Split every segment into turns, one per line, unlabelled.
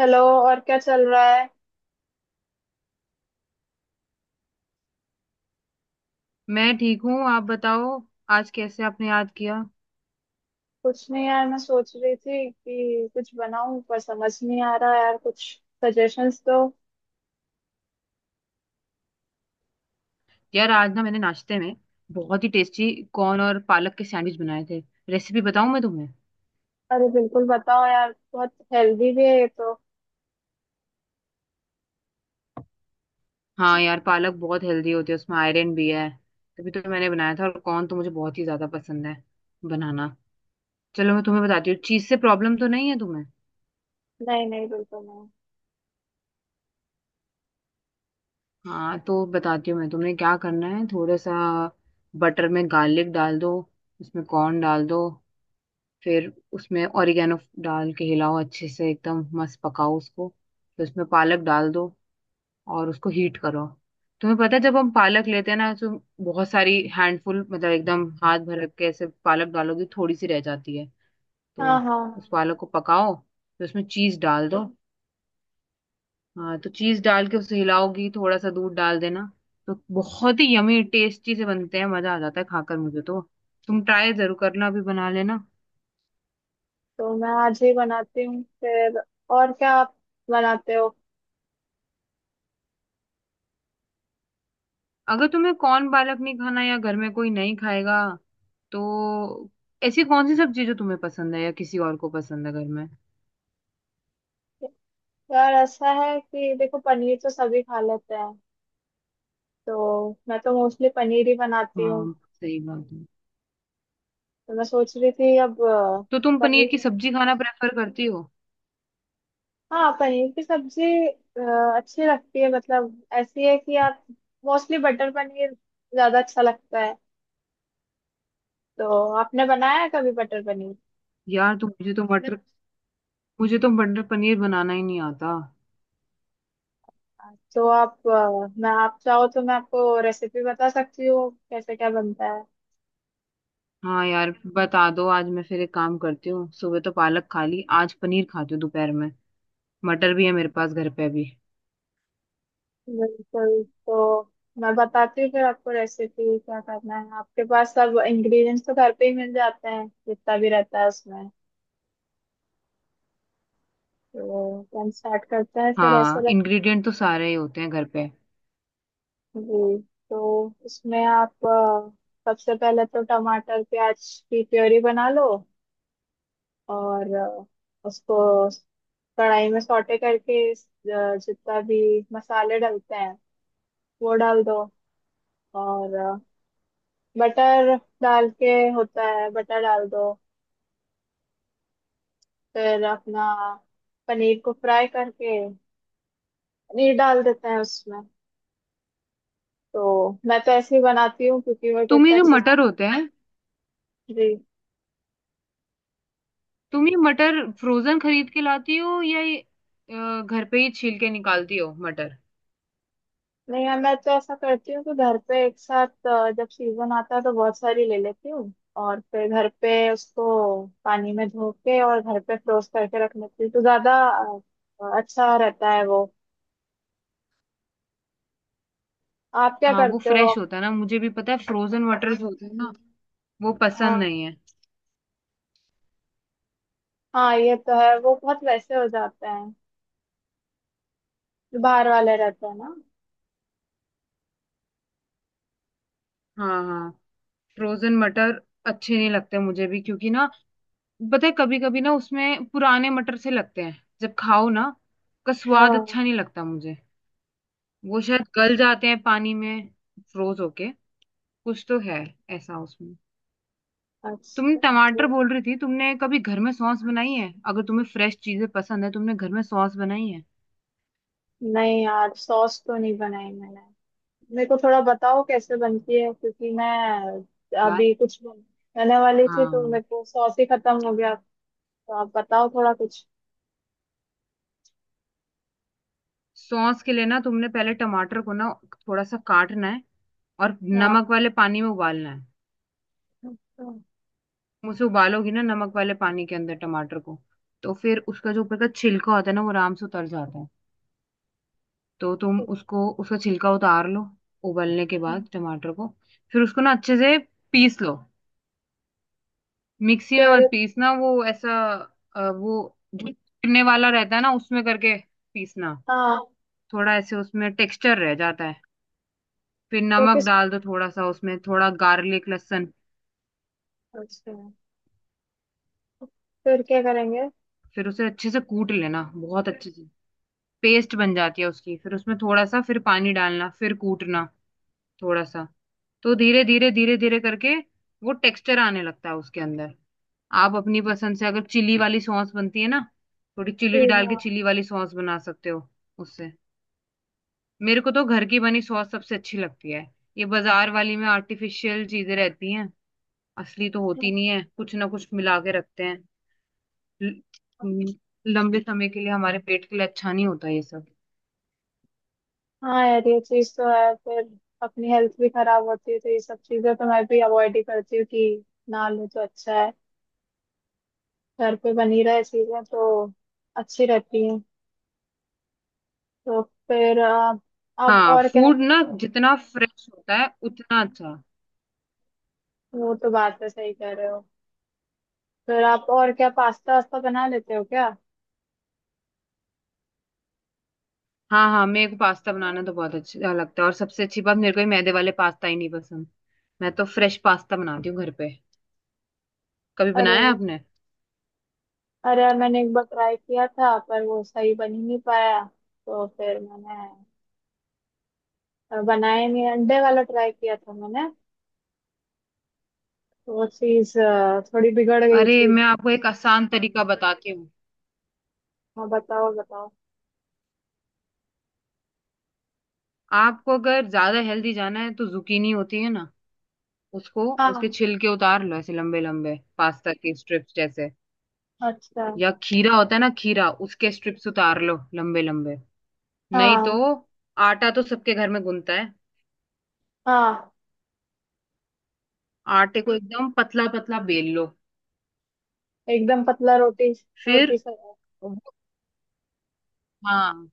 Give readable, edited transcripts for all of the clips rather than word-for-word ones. Hello. और क्या चल रहा है?
मैं ठीक हूँ। आप बताओ, आज कैसे आपने याद किया।
कुछ नहीं यार, मैं सोच रही थी कि कुछ बनाऊं पर समझ नहीं आ रहा यार कुछ। सजेशंस दो।
यार आज ना मैंने नाश्ते में बहुत ही टेस्टी कॉर्न और पालक के सैंडविच बनाए थे। रेसिपी बताऊँ मैं तुम्हें?
अरे बिल्कुल बताओ यार, बहुत हेल्दी भी है ये तो।
हाँ यार, पालक बहुत हेल्दी होती है, उसमें आयरन भी है। तभी तो मैंने बनाया था। और कॉर्न तो मुझे बहुत ही ज्यादा पसंद है बनाना। चलो मैं तुम्हें बताती हूँ। चीज से प्रॉब्लम तो नहीं है तुम्हें?
नहीं नहीं, बिल्कुल नहीं।
हाँ तो बताती हूँ मैं, तुमने क्या करना है, थोड़ा सा बटर में गार्लिक डाल दो, उसमें कॉर्न डाल दो, फिर उसमें ओरिगेनो डाल के हिलाओ अच्छे से, एकदम मस्त पकाओ उसको, फिर उसमें पालक डाल दो और उसको हीट करो। तुम्हें पता है जब हम पालक लेते हैं ना, तो बहुत सारी हैंडफुल मतलब एकदम हाथ भर के ऐसे पालक डालोगे, थोड़ी सी रह जाती है।
हाँ
तो
हाँ
उस
हाँ।
पालक को पकाओ, फिर उसमें चीज डाल दो। हाँ तो चीज डाल के उसे हिलाओगी, थोड़ा सा दूध डाल देना। तो बहुत ही यमी टेस्टी से बनते हैं, मजा आ जाता है खाकर, मुझे तो। तुम ट्राई जरूर करना, अभी बना लेना।
तो मैं आज ही बनाती हूँ फिर। और क्या आप बनाते हो?
अगर तुम्हें कौन पालक नहीं खाना या घर में कोई नहीं खाएगा तो ऐसी कौन सी सब्जी जो तुम्हें पसंद है या किसी और को पसंद है घर में?
यार ऐसा है कि देखो, पनीर तो सभी खा लेते हैं। तो मैं तो मोस्टली पनीर ही बनाती हूँ।
हाँ सही बात है।
तो मैं सोच रही थी अब
तो तुम पनीर
पनीर।
की सब्जी खाना प्रेफर करती हो?
हाँ, पनीर की सब्जी अ, अच्छी लगती है। मतलब ऐसी है कि आप मोस्टली बटर पनीर ज्यादा अच्छा लगता है। तो आपने बनाया है कभी बटर पनीर?
यार तुम, मुझे तो मटर पनीर बनाना ही नहीं आता।
तो आप मैं, आप चाहो तो मैं आपको रेसिपी बता सकती हूँ कैसे क्या बनता है।
हाँ यार, बता दो। आज मैं फिर एक काम करती हूँ, सुबह तो पालक खा ली, आज पनीर खाती हूँ दोपहर में। मटर भी है मेरे पास घर पे अभी।
बिल्कुल। तो मैं बताती हूँ फिर आपको रेसिपी। क्या करना है, आपके पास सब इंग्रेडिएंट्स तो घर पे ही मिल जाते हैं जितना भी रहता है उसमें। तो हम स्टार्ट करते हैं फिर ऐसा।
हाँ इंग्रेडिएंट तो सारे ही होते हैं घर पे।
जी। तो इसमें आप सबसे पहले तो टमाटर प्याज की प्योरी बना लो। और उसको कढ़ाई में सौटे करके जितना भी मसाले डलते हैं वो डाल दो। और बटर डाल के होता है, बटर डाल दो। फिर अपना पनीर को फ्राई करके पनीर डाल देते हैं उसमें। तो मैं तो ऐसे ही बनाती हूँ क्योंकि मेरे को
तुम ये
इतना
जो
अच्छे से।
मटर होते हैं,
जी।
तुम ये मटर फ्रोजन खरीद के लाती हो, या ये घर पे ही छील के निकालती हो मटर?
नहीं यार, मैं तो ऐसा करती हूँ कि घर पे एक साथ जब सीजन आता है तो बहुत सारी ले लेती हूँ और फिर घर पे उसको पानी में धो के और घर पे फ्रोज करके रख लेती हूँ तो ज्यादा अच्छा रहता है वो। आप क्या
हाँ वो
करते हो?
फ्रेश होता है ना, मुझे भी पता है फ्रोजन मटर जो होते हैं ना, वो
हाँ
पसंद नहीं है।
हाँ, ये तो है। वो बहुत वैसे हो जाते हैं जो बाहर वाले रहते हैं ना।
हाँ हाँ, फ्रोजन मटर अच्छे नहीं लगते मुझे भी, क्योंकि ना, पता है कभी कभी ना उसमें पुराने मटर से लगते हैं, जब खाओ ना उसका स्वाद
हाँ।
अच्छा नहीं लगता मुझे। वो शायद गल जाते हैं पानी में फ्रोज होके। कुछ तो है ऐसा उसमें। तुम
अच्छा।
टमाटर बोल रही थी, तुमने कभी घर में सॉस बनाई है? अगर तुम्हें फ्रेश चीजें पसंद है, तुमने घर में सॉस बनाई है?
नहीं यार, सॉस तो नहीं बनाई मैंने। मेरे को थोड़ा बताओ कैसे बनती है, क्योंकि मैं
यार
अभी कुछ बनाने वाली थी तो
हाँ,
मेरे को सॉस ही खत्म हो गया। तो आप बताओ थोड़ा कुछ।
सॉस के लिए ना तुमने पहले टमाटर को ना थोड़ा सा काटना है और
हाँ।
नमक वाले पानी में उबालना है।
अच्छा।
तुम उसे उबालोगी ना नमक वाले पानी के अंदर टमाटर को, तो फिर उसका जो ऊपर का छिलका होता है ना वो आराम से उतर जाता है। तो तुम
तो
उसको, उसका छिलका उतार लो उबलने के बाद टमाटर को। फिर उसको ना अच्छे से पीस लो। मिक्सी में
फिर।
मत पीसना, वो ऐसा वो जो चुनने वाला रहता है ना, उसमें करके पीसना।
हाँ।
थोड़ा ऐसे उसमें टेक्सचर रह जाता है। फिर
तो
नमक
किस।
डाल दो थोड़ा सा उसमें, थोड़ा गार्लिक, लहसुन।
अच्छा, फिर क्या करेंगे?
फिर उसे अच्छे से कूट लेना, बहुत अच्छे से। पेस्ट बन जाती है उसकी। फिर उसमें थोड़ा सा फिर पानी डालना, फिर कूटना थोड़ा सा। तो धीरे धीरे धीरे धीरे करके वो टेक्सचर आने लगता है उसके अंदर। आप अपनी पसंद से, अगर चिली वाली सॉस बनती है ना, थोड़ी चिली
फिर।
डाल के
हाँ
चिली वाली सॉस बना सकते हो उससे। मेरे को तो घर की बनी सॉस सबसे अच्छी लगती है। ये बाजार वाली में आर्टिफिशियल चीजें रहती हैं, असली तो होती
हाँ
नहीं है, कुछ ना कुछ मिला के रखते हैं। ल- हम्म, लंबे समय के लिए हमारे पेट के लिए अच्छा नहीं होता ये सब।
हाँ, यार ये चीज तो है फिर। अपनी हेल्थ भी खराब होती है तो ये सब चीजें तो मैं भी अवॉइड ही करती हूँ कि ना लूँ तो अच्छा है। घर पे बनी रहे चीजें तो अच्छी रहती हैं। तो फिर आप
हाँ
और क्या?
फूड ना जितना फ्रेश होता है उतना अच्छा।
वो तो बात है, सही कह रहे हो। फिर आप और क्या, पास्ता वास्ता बना लेते हो क्या?
हाँ हाँ, मेरे को पास्ता बनाना तो बहुत अच्छा लगता है। और सबसे अच्छी बात, मेरे को ये मैदे वाले पास्ता ही नहीं पसंद। मैं तो फ्रेश पास्ता बनाती हूँ घर पे। कभी
अरे
बनाया
वो-
आपने?
अरे यार, मैंने एक बार ट्राई किया था पर वो सही बन ही नहीं पाया। तो फिर मैंने बनाया ही नहीं। अंडे वाला ट्राई किया था मैंने, तो वो चीज थोड़ी बिगड़ गई
अरे
थी।
मैं आपको एक आसान तरीका बताती हूँ।
हाँ बताओ बताओ।
आपको अगर ज्यादा हेल्दी जाना है तो जुकीनी होती है ना, उसको,
हाँ।
उसके छिलके उतार लो ऐसे लंबे लंबे पास्ता के स्ट्रिप्स जैसे।
अच्छा।
या खीरा होता है ना, खीरा उसके स्ट्रिप्स उतार लो लंबे लंबे। नहीं तो
हाँ
आटा तो सबके घर में गुनता है।
हाँ।
आटे को एकदम पतला पतला बेल लो।
एकदम पतला रोटी,
फिर
रोटी सा।
वो- हाँ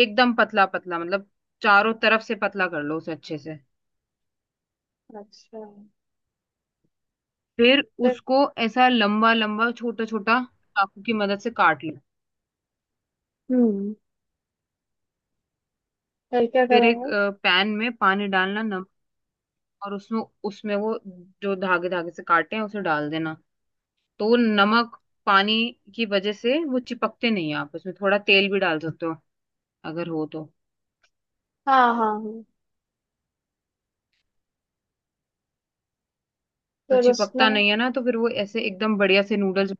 एकदम पतला पतला मतलब चारों तरफ से पतला कर लो उसे अच्छे से।
अच्छा।
फिर
फिर।
उसको ऐसा लंबा लंबा, छोटा छोटा, चाकू की मदद से काट लो।
हम्म। फिर क्या
फिर एक
करेंगे?
पैन में पानी डालना, नमक, और उसमें उसमें वो जो धागे धागे से काटे हैं उसे डाल देना। तो वो नमक पानी की वजह से वो चिपकते नहीं है। आप उसमें थोड़ा तेल भी डाल सकते हो, अगर हो तो।
हाँ हाँ हाँ।
तो
फिर
चिपकता
उसमें
नहीं है ना, तो फिर वो ऐसे एकदम बढ़िया से नूडल्स।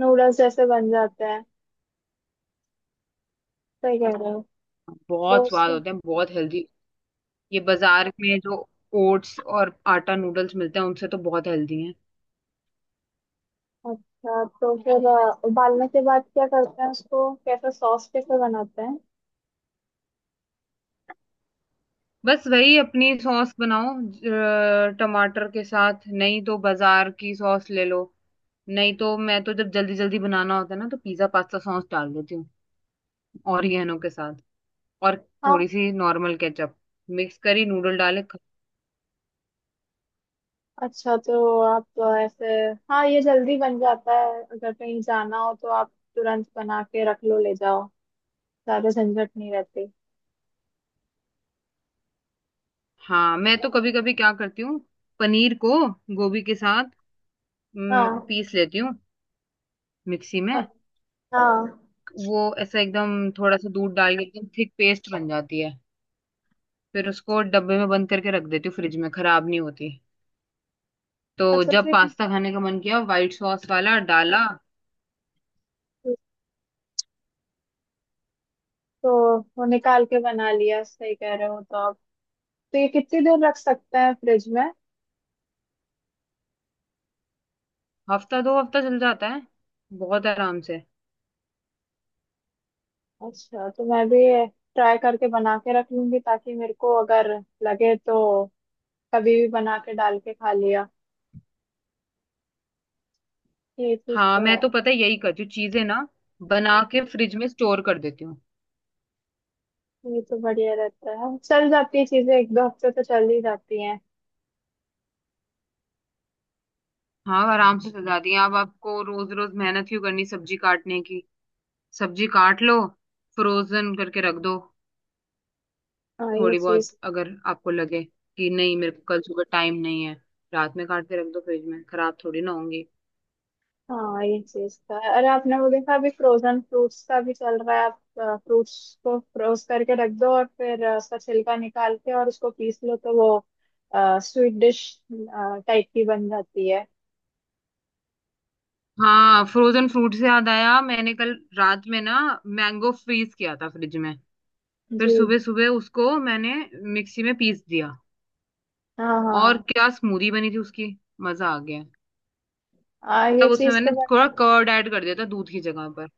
नूडल्स जैसे बन जाते हैं, सही कह रहे हो। तो
बहुत स्वाद
उसके।
होते हैं, बहुत हेल्दी। ये बाजार में जो ओट्स और आटा नूडल्स मिलते हैं उनसे तो बहुत हेल्दी हैं।
अच्छा, तो फिर उबालने के बाद क्या करते हैं उसको? कैसे सॉस कैसे बनाते हैं?
बस वही अपनी सॉस बनाओ, टमाटर के साथ। नहीं तो बाजार की सॉस ले लो। नहीं तो मैं तो जब जल्दी जल्दी बनाना होता है ना तो पिज्जा पास्ता सॉस डाल देती हूँ ऑरिगेनो के साथ। और
हाँ।
थोड़ी सी नॉर्मल केचप मिक्स करी, नूडल डाले
अच्छा तो आप ऐसे। हाँ, ये जल्दी बन जाता है, अगर कहीं जाना हो तो आप तुरंत बना के रख लो, ले जाओ, ज्यादा झंझट नहीं रहती।
हाँ। मैं तो कभी कभी क्या करती हूँ, पनीर को गोभी के साथ
हाँ
पीस लेती हूँ मिक्सी में।
अ- हाँ।
वो ऐसा एकदम थोड़ा सा दूध डाल के एकदम थिक पेस्ट बन जाती है। फिर उसको डब्बे में बंद करके रख देती हूँ फ्रिज में, खराब नहीं होती। तो
अच्छा तो
जब
ये
पास्ता खाने का मन किया, व्हाइट सॉस वाला डाला।
तो वो निकाल के बना लिया, सही कह रहे हो तो आप। तो ये कितनी देर रख सकते हैं फ्रिज में?
हफ्ता दो हफ्ता चल जाता है, बहुत आराम से।
अच्छा तो मैं भी ट्राई करके बना के रख लूंगी, ताकि मेरे को अगर लगे तो कभी भी बना के डाल के खा लिया। ये चीज
हाँ
तो है।
मैं तो पता है यही करती हूँ, चीजें ना बना के फ्रिज में स्टोर कर देती हूँ।
ये तो बढ़िया रहता है, चल जाती है चीजें, एक दो हफ्ते तो चल ही जाती हैं।
हाँ आराम से सजा दिए। अब आपको रोज रोज मेहनत क्यों करनी सब्जी काटने की। सब्जी काट लो, फ्रोजन करके रख दो।
हाँ ये
थोड़ी बहुत
चीज।
अगर आपको लगे कि नहीं मेरे को कल सुबह टाइम नहीं है, रात में काट के रख दो फ्रिज में, खराब थोड़ी ना होंगी।
हाँ ये चीज तो है। अरे आपने वो देखा, अभी फ्रोजन फ्रूट्स का भी चल रहा है? आप फ्रूट्स को फ्रोज करके रख दो और फिर उसका छिलका निकाल के और उसको पीस लो तो वो स्वीट डिश टाइप की बन जाती है।
हाँ फ्रोजन फ्रूट से याद आया, मैंने कल रात में ना मैंगो फ्रीज किया था फ्रिज में, फिर
जी।
सुबह सुबह उसको मैंने मिक्सी में पीस दिया।
हाँ
और
हाँ।
क्या स्मूदी बनी थी उसकी, मजा आ गया।
ये
तब उसमें
चीज तो
मैंने
बट।
थोड़ा कर्ड ऐड कर दिया था दूध की जगह पर।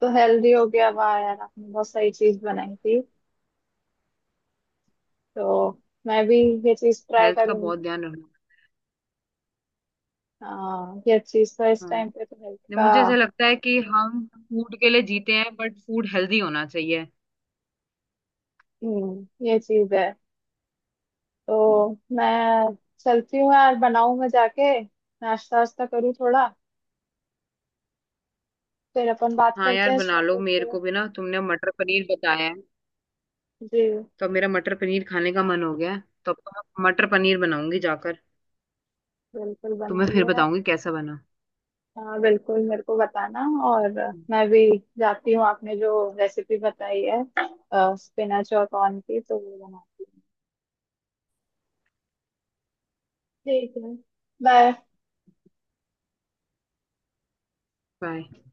तो हेल्दी हो गया, वाह यार, आपने बहुत सही चीज बनाई थी। तो मैं भी ये चीज ट्राई
हेल्थ का बहुत
करूंगी।
ध्यान रखना।
हाँ, ये चीज तो इस
हाँ
टाइम पे तो हेल्थ
नहीं,
का।
मुझे ऐसा लगता है कि हम फूड के लिए जीते हैं, बट फूड हेल्दी होना चाहिए।
ये चीज है। तो मैं चलती हूँ यार, बनाऊं मैं जाके, नाश्ता वास्ता करूँ थोड़ा। फिर अपन बात
हाँ
करते
यार
हैं इस
बना लो।
टॉपिक
मेरे
पे।
को भी ना तुमने मटर पनीर बताया है,
जी,
तो अब मेरा मटर पनीर खाने का मन हो गया है। तो अब तो मैं मटर पनीर बनाऊंगी जाकर।
बिल्कुल
तुम्हें फिर
बनाइए आप।
बताऊंगी कैसा बना।
हाँ बिल्कुल, मेरे को बताना। और मैं भी जाती हूँ। आपने जो रेसिपी बताई है स्पिनच और कॉर्न की, तो वो बनाती हूँ। ठीक है। बाय।
बाय।